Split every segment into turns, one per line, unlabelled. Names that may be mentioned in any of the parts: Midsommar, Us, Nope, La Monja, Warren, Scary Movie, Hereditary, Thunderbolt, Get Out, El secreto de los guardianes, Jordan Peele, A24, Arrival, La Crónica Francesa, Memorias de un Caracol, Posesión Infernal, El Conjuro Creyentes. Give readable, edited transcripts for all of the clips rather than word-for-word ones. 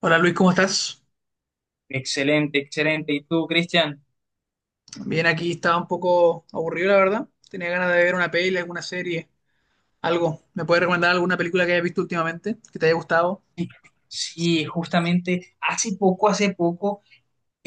Hola Luis, ¿cómo estás?
Excelente, excelente. ¿Y tú, Cristian?
Bien, aquí estaba un poco aburrido, la verdad. Tenía ganas de ver una peli, alguna serie, algo. ¿Me puedes recomendar alguna película que hayas visto últimamente, que te haya gustado?
Sí, justamente hace poco, hace poco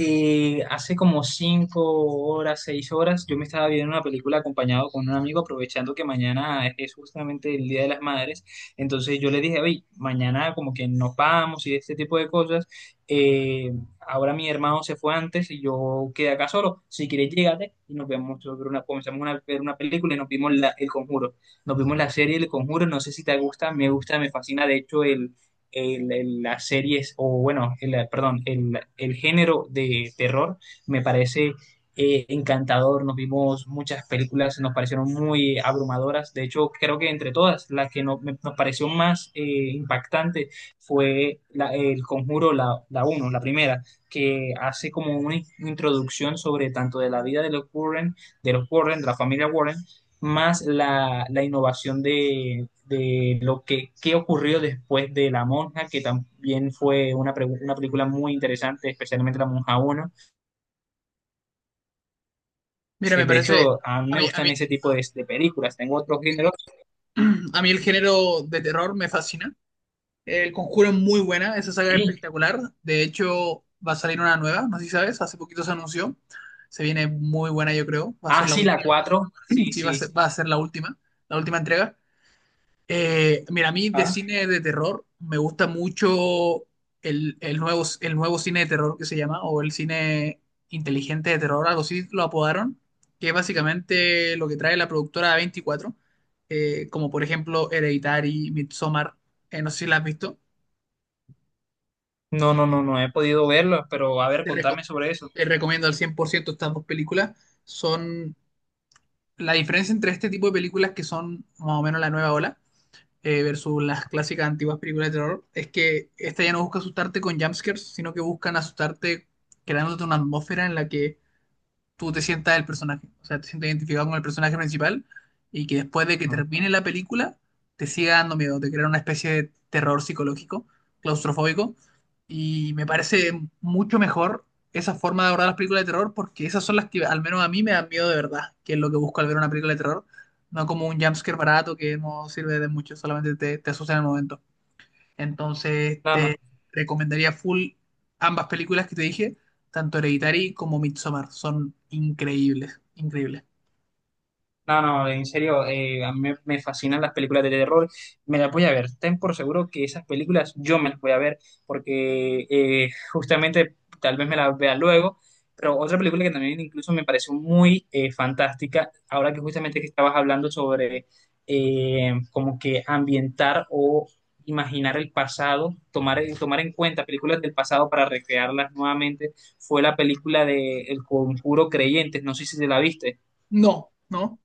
Eh, hace como cinco horas, seis horas, yo me estaba viendo una película acompañado con un amigo, aprovechando que mañana es justamente el Día de las Madres. Entonces yo le dije, oye, mañana como que nos vamos y este tipo de cosas. Eh, Ahora mi hermano se fue antes y yo quedé acá solo. Si quieres, llégate y nos vemos sobre una, comenzamos a ver una película y nos vimos El Conjuro. Nos vimos la serie El Conjuro. No sé si te gusta, me fascina. De hecho, las series, o bueno, perdón, el género de terror me parece encantador. Nos vimos muchas películas, nos parecieron muy abrumadoras. De hecho, creo que entre todas, la que nos pareció más impactante fue El Conjuro, la uno, la primera, que hace como una introducción sobre tanto de la vida de los Warren, de los Warren, de la familia Warren, más la innovación de lo que, qué ocurrió después de La Monja, que también fue una película muy interesante, especialmente La Monja uno.
Mira,
Eh, De hecho, a mí
a
me
mí, a mí,
gustan ese tipo de películas. Tengo otros géneros.
a mí el género de terror me fascina. El Conjuro es muy buena, esa saga es
Sí.
espectacular. De hecho, va a salir una nueva, no sé si sabes, hace poquito se anunció. Se viene muy buena, yo creo. Va a ser
Ah,
la
sí, la
última.
cuatro. Sí,
Sí, va a
sí.
ser, va a ser la última entrega. Mira, a mí de
Ah.
cine de terror me gusta mucho el nuevo cine de terror que se llama, o el cine inteligente de terror, algo así lo apodaron, que es básicamente lo que trae la productora A24, como por ejemplo Hereditary, Midsommar. No sé si la has visto.
No, no, no, no he podido verlo, pero a ver,
te, reco-
contame sobre eso.
Te recomiendo al 100% estas dos películas. Son la diferencia entre este tipo de películas que son más o menos la nueva ola versus las clásicas antiguas películas de terror. Es que esta ya no busca asustarte con jumpscares, sino que buscan asustarte creándote una atmósfera en la que tú te sientas el personaje, o sea, te sientas identificado con el personaje principal, y que después de que
Ajá.
termine la película te siga dando miedo, te crea una especie de terror psicológico, claustrofóbico, y me parece mucho mejor esa forma de abordar las películas de terror, porque esas son las que al menos a mí me dan miedo de verdad, que es lo que busco al ver una película de terror, no como un jumpscare barato que no sirve de mucho, solamente te asusta en el momento. Entonces,
No, no.
te recomendaría full ambas películas que te dije, tanto Hereditary como Midsommar. Son increíbles, increíbles.
No, no, en serio, a mí me fascinan las películas de terror, me las voy a ver, ten por seguro que esas películas yo me las voy a ver, porque justamente tal vez me las vea luego, pero otra película que también incluso me pareció muy fantástica, ahora que justamente que estabas hablando sobre como que ambientar o imaginar el pasado, tomar, tomar en cuenta películas del pasado para recrearlas nuevamente, fue la película de El Conjuro Creyentes, no sé si te la viste.
No, no,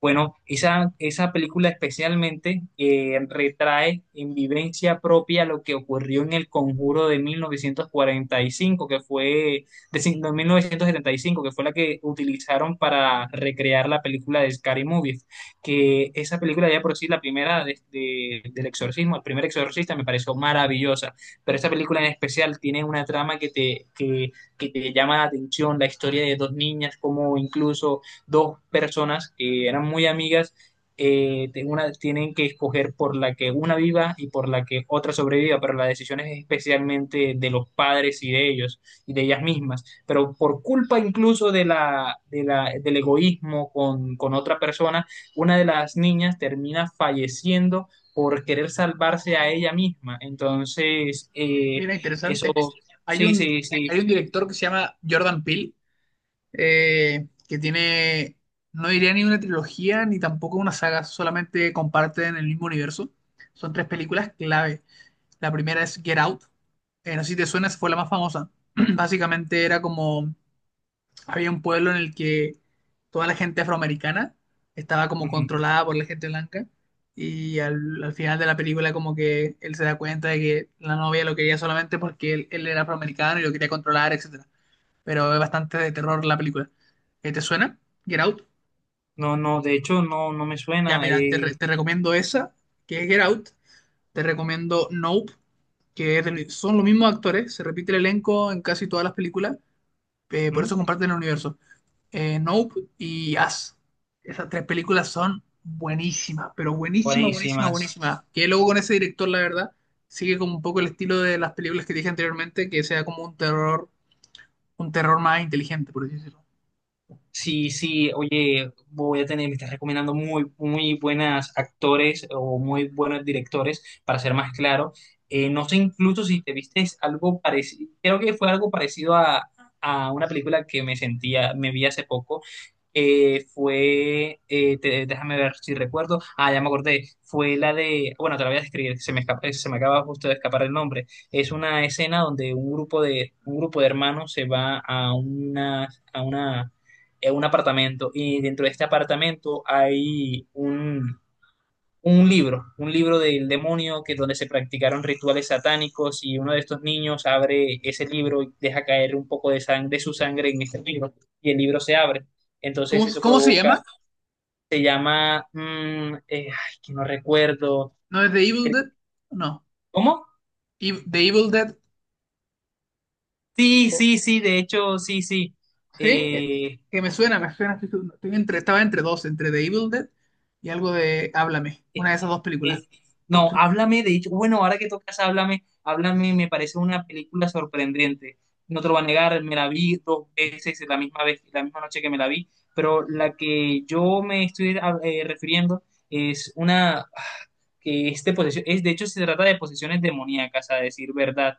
Bueno, esa película especialmente retrae en vivencia propia lo que ocurrió en el Conjuro de 1945, que fue, de, cin- no, 1975, que fue la que utilizaron para recrear la película de Scary Movie, que esa película ya por sí, la primera del exorcismo, el primer exorcista me pareció maravillosa, pero esta película en especial tiene una trama que que te llama la atención, la historia de dos niñas, como incluso dos personas que eran muy amigas, tienen que escoger por la que una viva y por la que otra sobreviva, pero la decisión es especialmente de los padres y de ellos y de ellas mismas. Pero por culpa incluso de del egoísmo con otra persona, una de las niñas termina falleciendo por querer salvarse a ella misma. Entonces,
mira,
eso,
interesante. Hay
sí,
un,
sí, sí.
hay un director que se llama Jordan Peele, que tiene, no diría ni una trilogía ni tampoco una saga, solamente comparten el mismo universo. Son tres películas clave. La primera es Get Out. No sé si te suena, esa fue la más famosa. Básicamente era como había un pueblo en el que toda la gente afroamericana estaba como
Ujú.
controlada por la gente blanca, y al final de la película como que él se da cuenta de que la novia lo quería solamente porque él era afroamericano y lo quería controlar, etcétera. Pero es bastante de terror la película. ¿Te suena? Get Out.
No, no, de hecho, no, no me
Ya
suena.
mira, te recomiendo esa, que es Get Out. Te recomiendo Nope, que es del- son los mismos actores, se repite el elenco en casi todas las películas, por
¿Mm?
eso comparten el universo. Nope y Us. Esas tres películas son buenísimas, pero buenísimas, buenísimas,
Buenísimas.
buenísimas. Que luego con ese director, la verdad, sigue como un poco el estilo de las películas que dije anteriormente, que sea como un terror más inteligente, por así decirlo.
Sí, sí, oye, voy a tener, me estás recomendando muy, muy buenas actores o muy buenos directores, para ser más claro. No sé incluso si te viste algo parecido, creo que fue algo parecido a una película que me sentía, me vi hace poco. Déjame ver si recuerdo, ah, ya me acordé, fue la de, bueno, te la voy a describir, se me acaba justo de escapar el nombre, es una escena donde un grupo de hermanos se va a una, a una, a un apartamento y dentro de este apartamento hay un libro del demonio que donde se practicaron rituales satánicos y uno de estos niños abre ese libro y deja caer un poco de sangre, de su sangre en este libro y el libro se abre. Entonces
¿Cómo,
eso
cómo se
provoca,
llama?
se llama, ay, que no recuerdo,
¿No es The Evil Dead? No.
¿cómo?
The Evil Dead.
Sí,
Oh,
sí, sí, de hecho, sí, sí.
¿sí?
Eh,
Que me suena, me suena. Estaba entre dos, entre The Evil Dead y algo de Háblame, una de esas dos películas.
Es- no, háblame, de hecho, bueno, ahora que tocas háblame, háblame, me parece una película sorprendente. No te lo voy a negar, me la vi dos veces la misma vez, la misma noche que me la vi, pero la que yo me estoy refiriendo es una que es de posesión, es de hecho se trata de posesiones demoníacas, a decir verdad.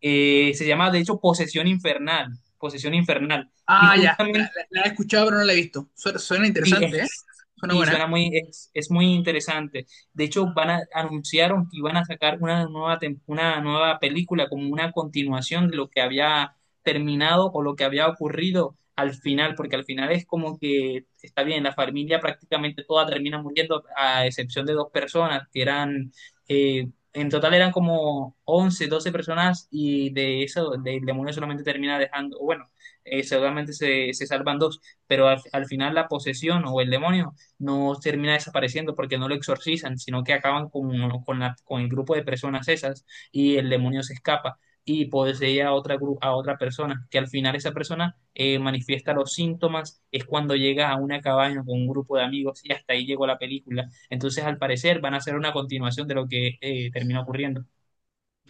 Se llama de hecho Posesión Infernal, Posesión Infernal. Y
Ah, ya,
justamente
la he escuchado pero no la he visto. Suena interesante, ¿eh? Suena
sí,
buena.
suena muy, es muy interesante. De hecho, van a, anunciaron que iban a sacar una nueva, una nueva película como una continuación de lo que había terminado o lo que había ocurrido al final, porque al final es como que está bien, la familia prácticamente toda termina muriendo, a excepción de dos personas que eran, eh, en total eran como 11 12 personas y de eso, el demonio solamente termina dejando, bueno, seguramente se salvan dos, pero al final la posesión o el demonio no termina desapareciendo porque no lo exorcizan, sino que acaban con el grupo de personas esas y el demonio se escapa y posee a otra, a otra persona, que al final esa persona manifiesta los síntomas, es cuando llega a una cabaña con un grupo de amigos y hasta ahí llegó la película. Entonces, al parecer, van a hacer una continuación de lo que termina ocurriendo.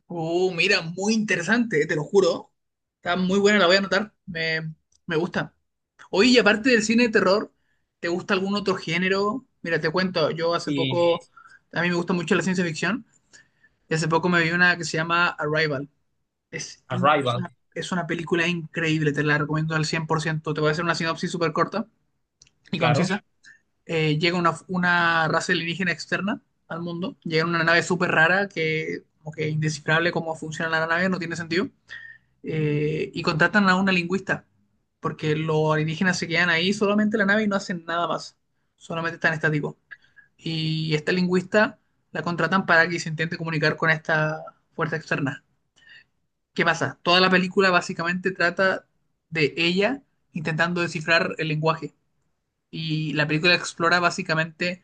Mira, muy interesante, te lo juro. Está muy buena, la voy a anotar. Me gusta. Oye, y aparte del cine de terror, ¿te gusta algún otro género? Mira, te cuento, yo hace
Y
poco, a mí me gusta mucho la ciencia ficción, y hace poco me vi una que se llama Arrival. Es, in- es
Arrival,
una, es una película increíble, te la recomiendo al 100%. Te voy a hacer una sinopsis súper corta y
claro.
concisa. Llega una raza alienígena externa al mundo, llega en una nave súper rara que como que es indescifrable cómo funciona la nave, no tiene sentido. Y contratan a una lingüista, porque los alienígenas se quedan ahí solamente en la nave y no hacen nada más, solamente están estáticos. Y esta lingüista la contratan para que se intente comunicar con esta fuerza externa. ¿Qué pasa? Toda la película básicamente trata de ella intentando descifrar el lenguaje. Y la película explora básicamente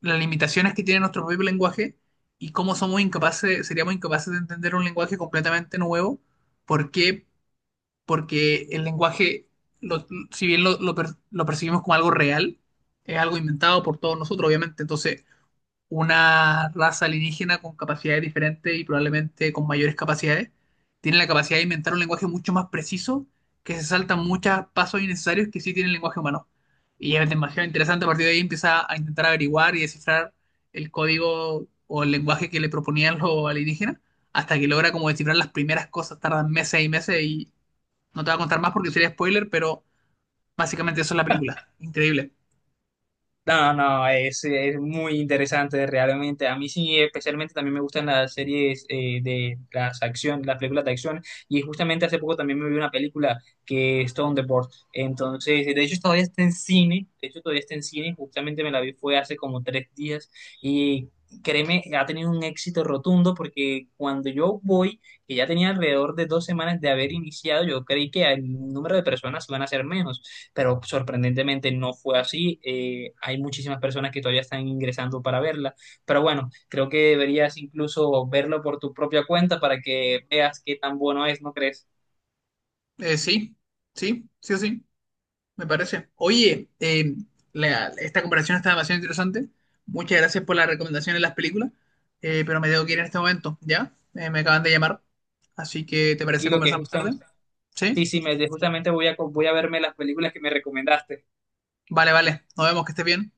las limitaciones que tiene nuestro propio lenguaje y cómo somos incapaces, seríamos incapaces de entender un lenguaje completamente nuevo. ¿Por qué? Porque el lenguaje, lo- si bien lo percibimos como algo real, es algo inventado por todos nosotros, obviamente. Entonces, una raza alienígena con capacidades diferentes y probablemente con mayores capacidades, tiene la capacidad de inventar un lenguaje mucho más preciso, que se saltan muchos pasos innecesarios que sí tiene el lenguaje humano. Y es demasiado interesante, a partir de ahí empieza a intentar averiguar y descifrar el código o el lenguaje que le proponían los alienígenas, hasta que logra como descifrar las primeras cosas, tardan meses y meses, y no te voy a contar más porque sería spoiler, pero básicamente eso es la película, increíble.
No, no, es muy interesante realmente. A mí sí, especialmente también me gustan las series de las acción, las películas de acción. Y justamente hace poco también me vi una película que es Thunderbolt. Entonces, de hecho todavía está en cine. De hecho todavía está en cine. Justamente me la vi fue hace como tres días. Y créeme, ha tenido un éxito rotundo porque cuando yo voy, que ya tenía alrededor de dos semanas de haber iniciado, yo creí que el número de personas iban a ser menos, pero sorprendentemente no fue así. Hay muchísimas personas que todavía están ingresando para verla, pero bueno, creo que deberías incluso verlo por tu propia cuenta para que veas qué tan bueno es, ¿no crees?
Sí, sí, sí o sí. Me parece. Oye, esta comparación está demasiado interesante. Muchas gracias por la recomendación de las películas, pero me tengo que ir en este momento, ¿ya? Me acaban de llamar, así que ¿te parece
Y lo que
conversar más tarde?
justamente,
¿Sí?
sí, sí, me, justamente voy a, voy a verme las películas que me recomendaste.
Vale, vale. Nos vemos, que estés bien.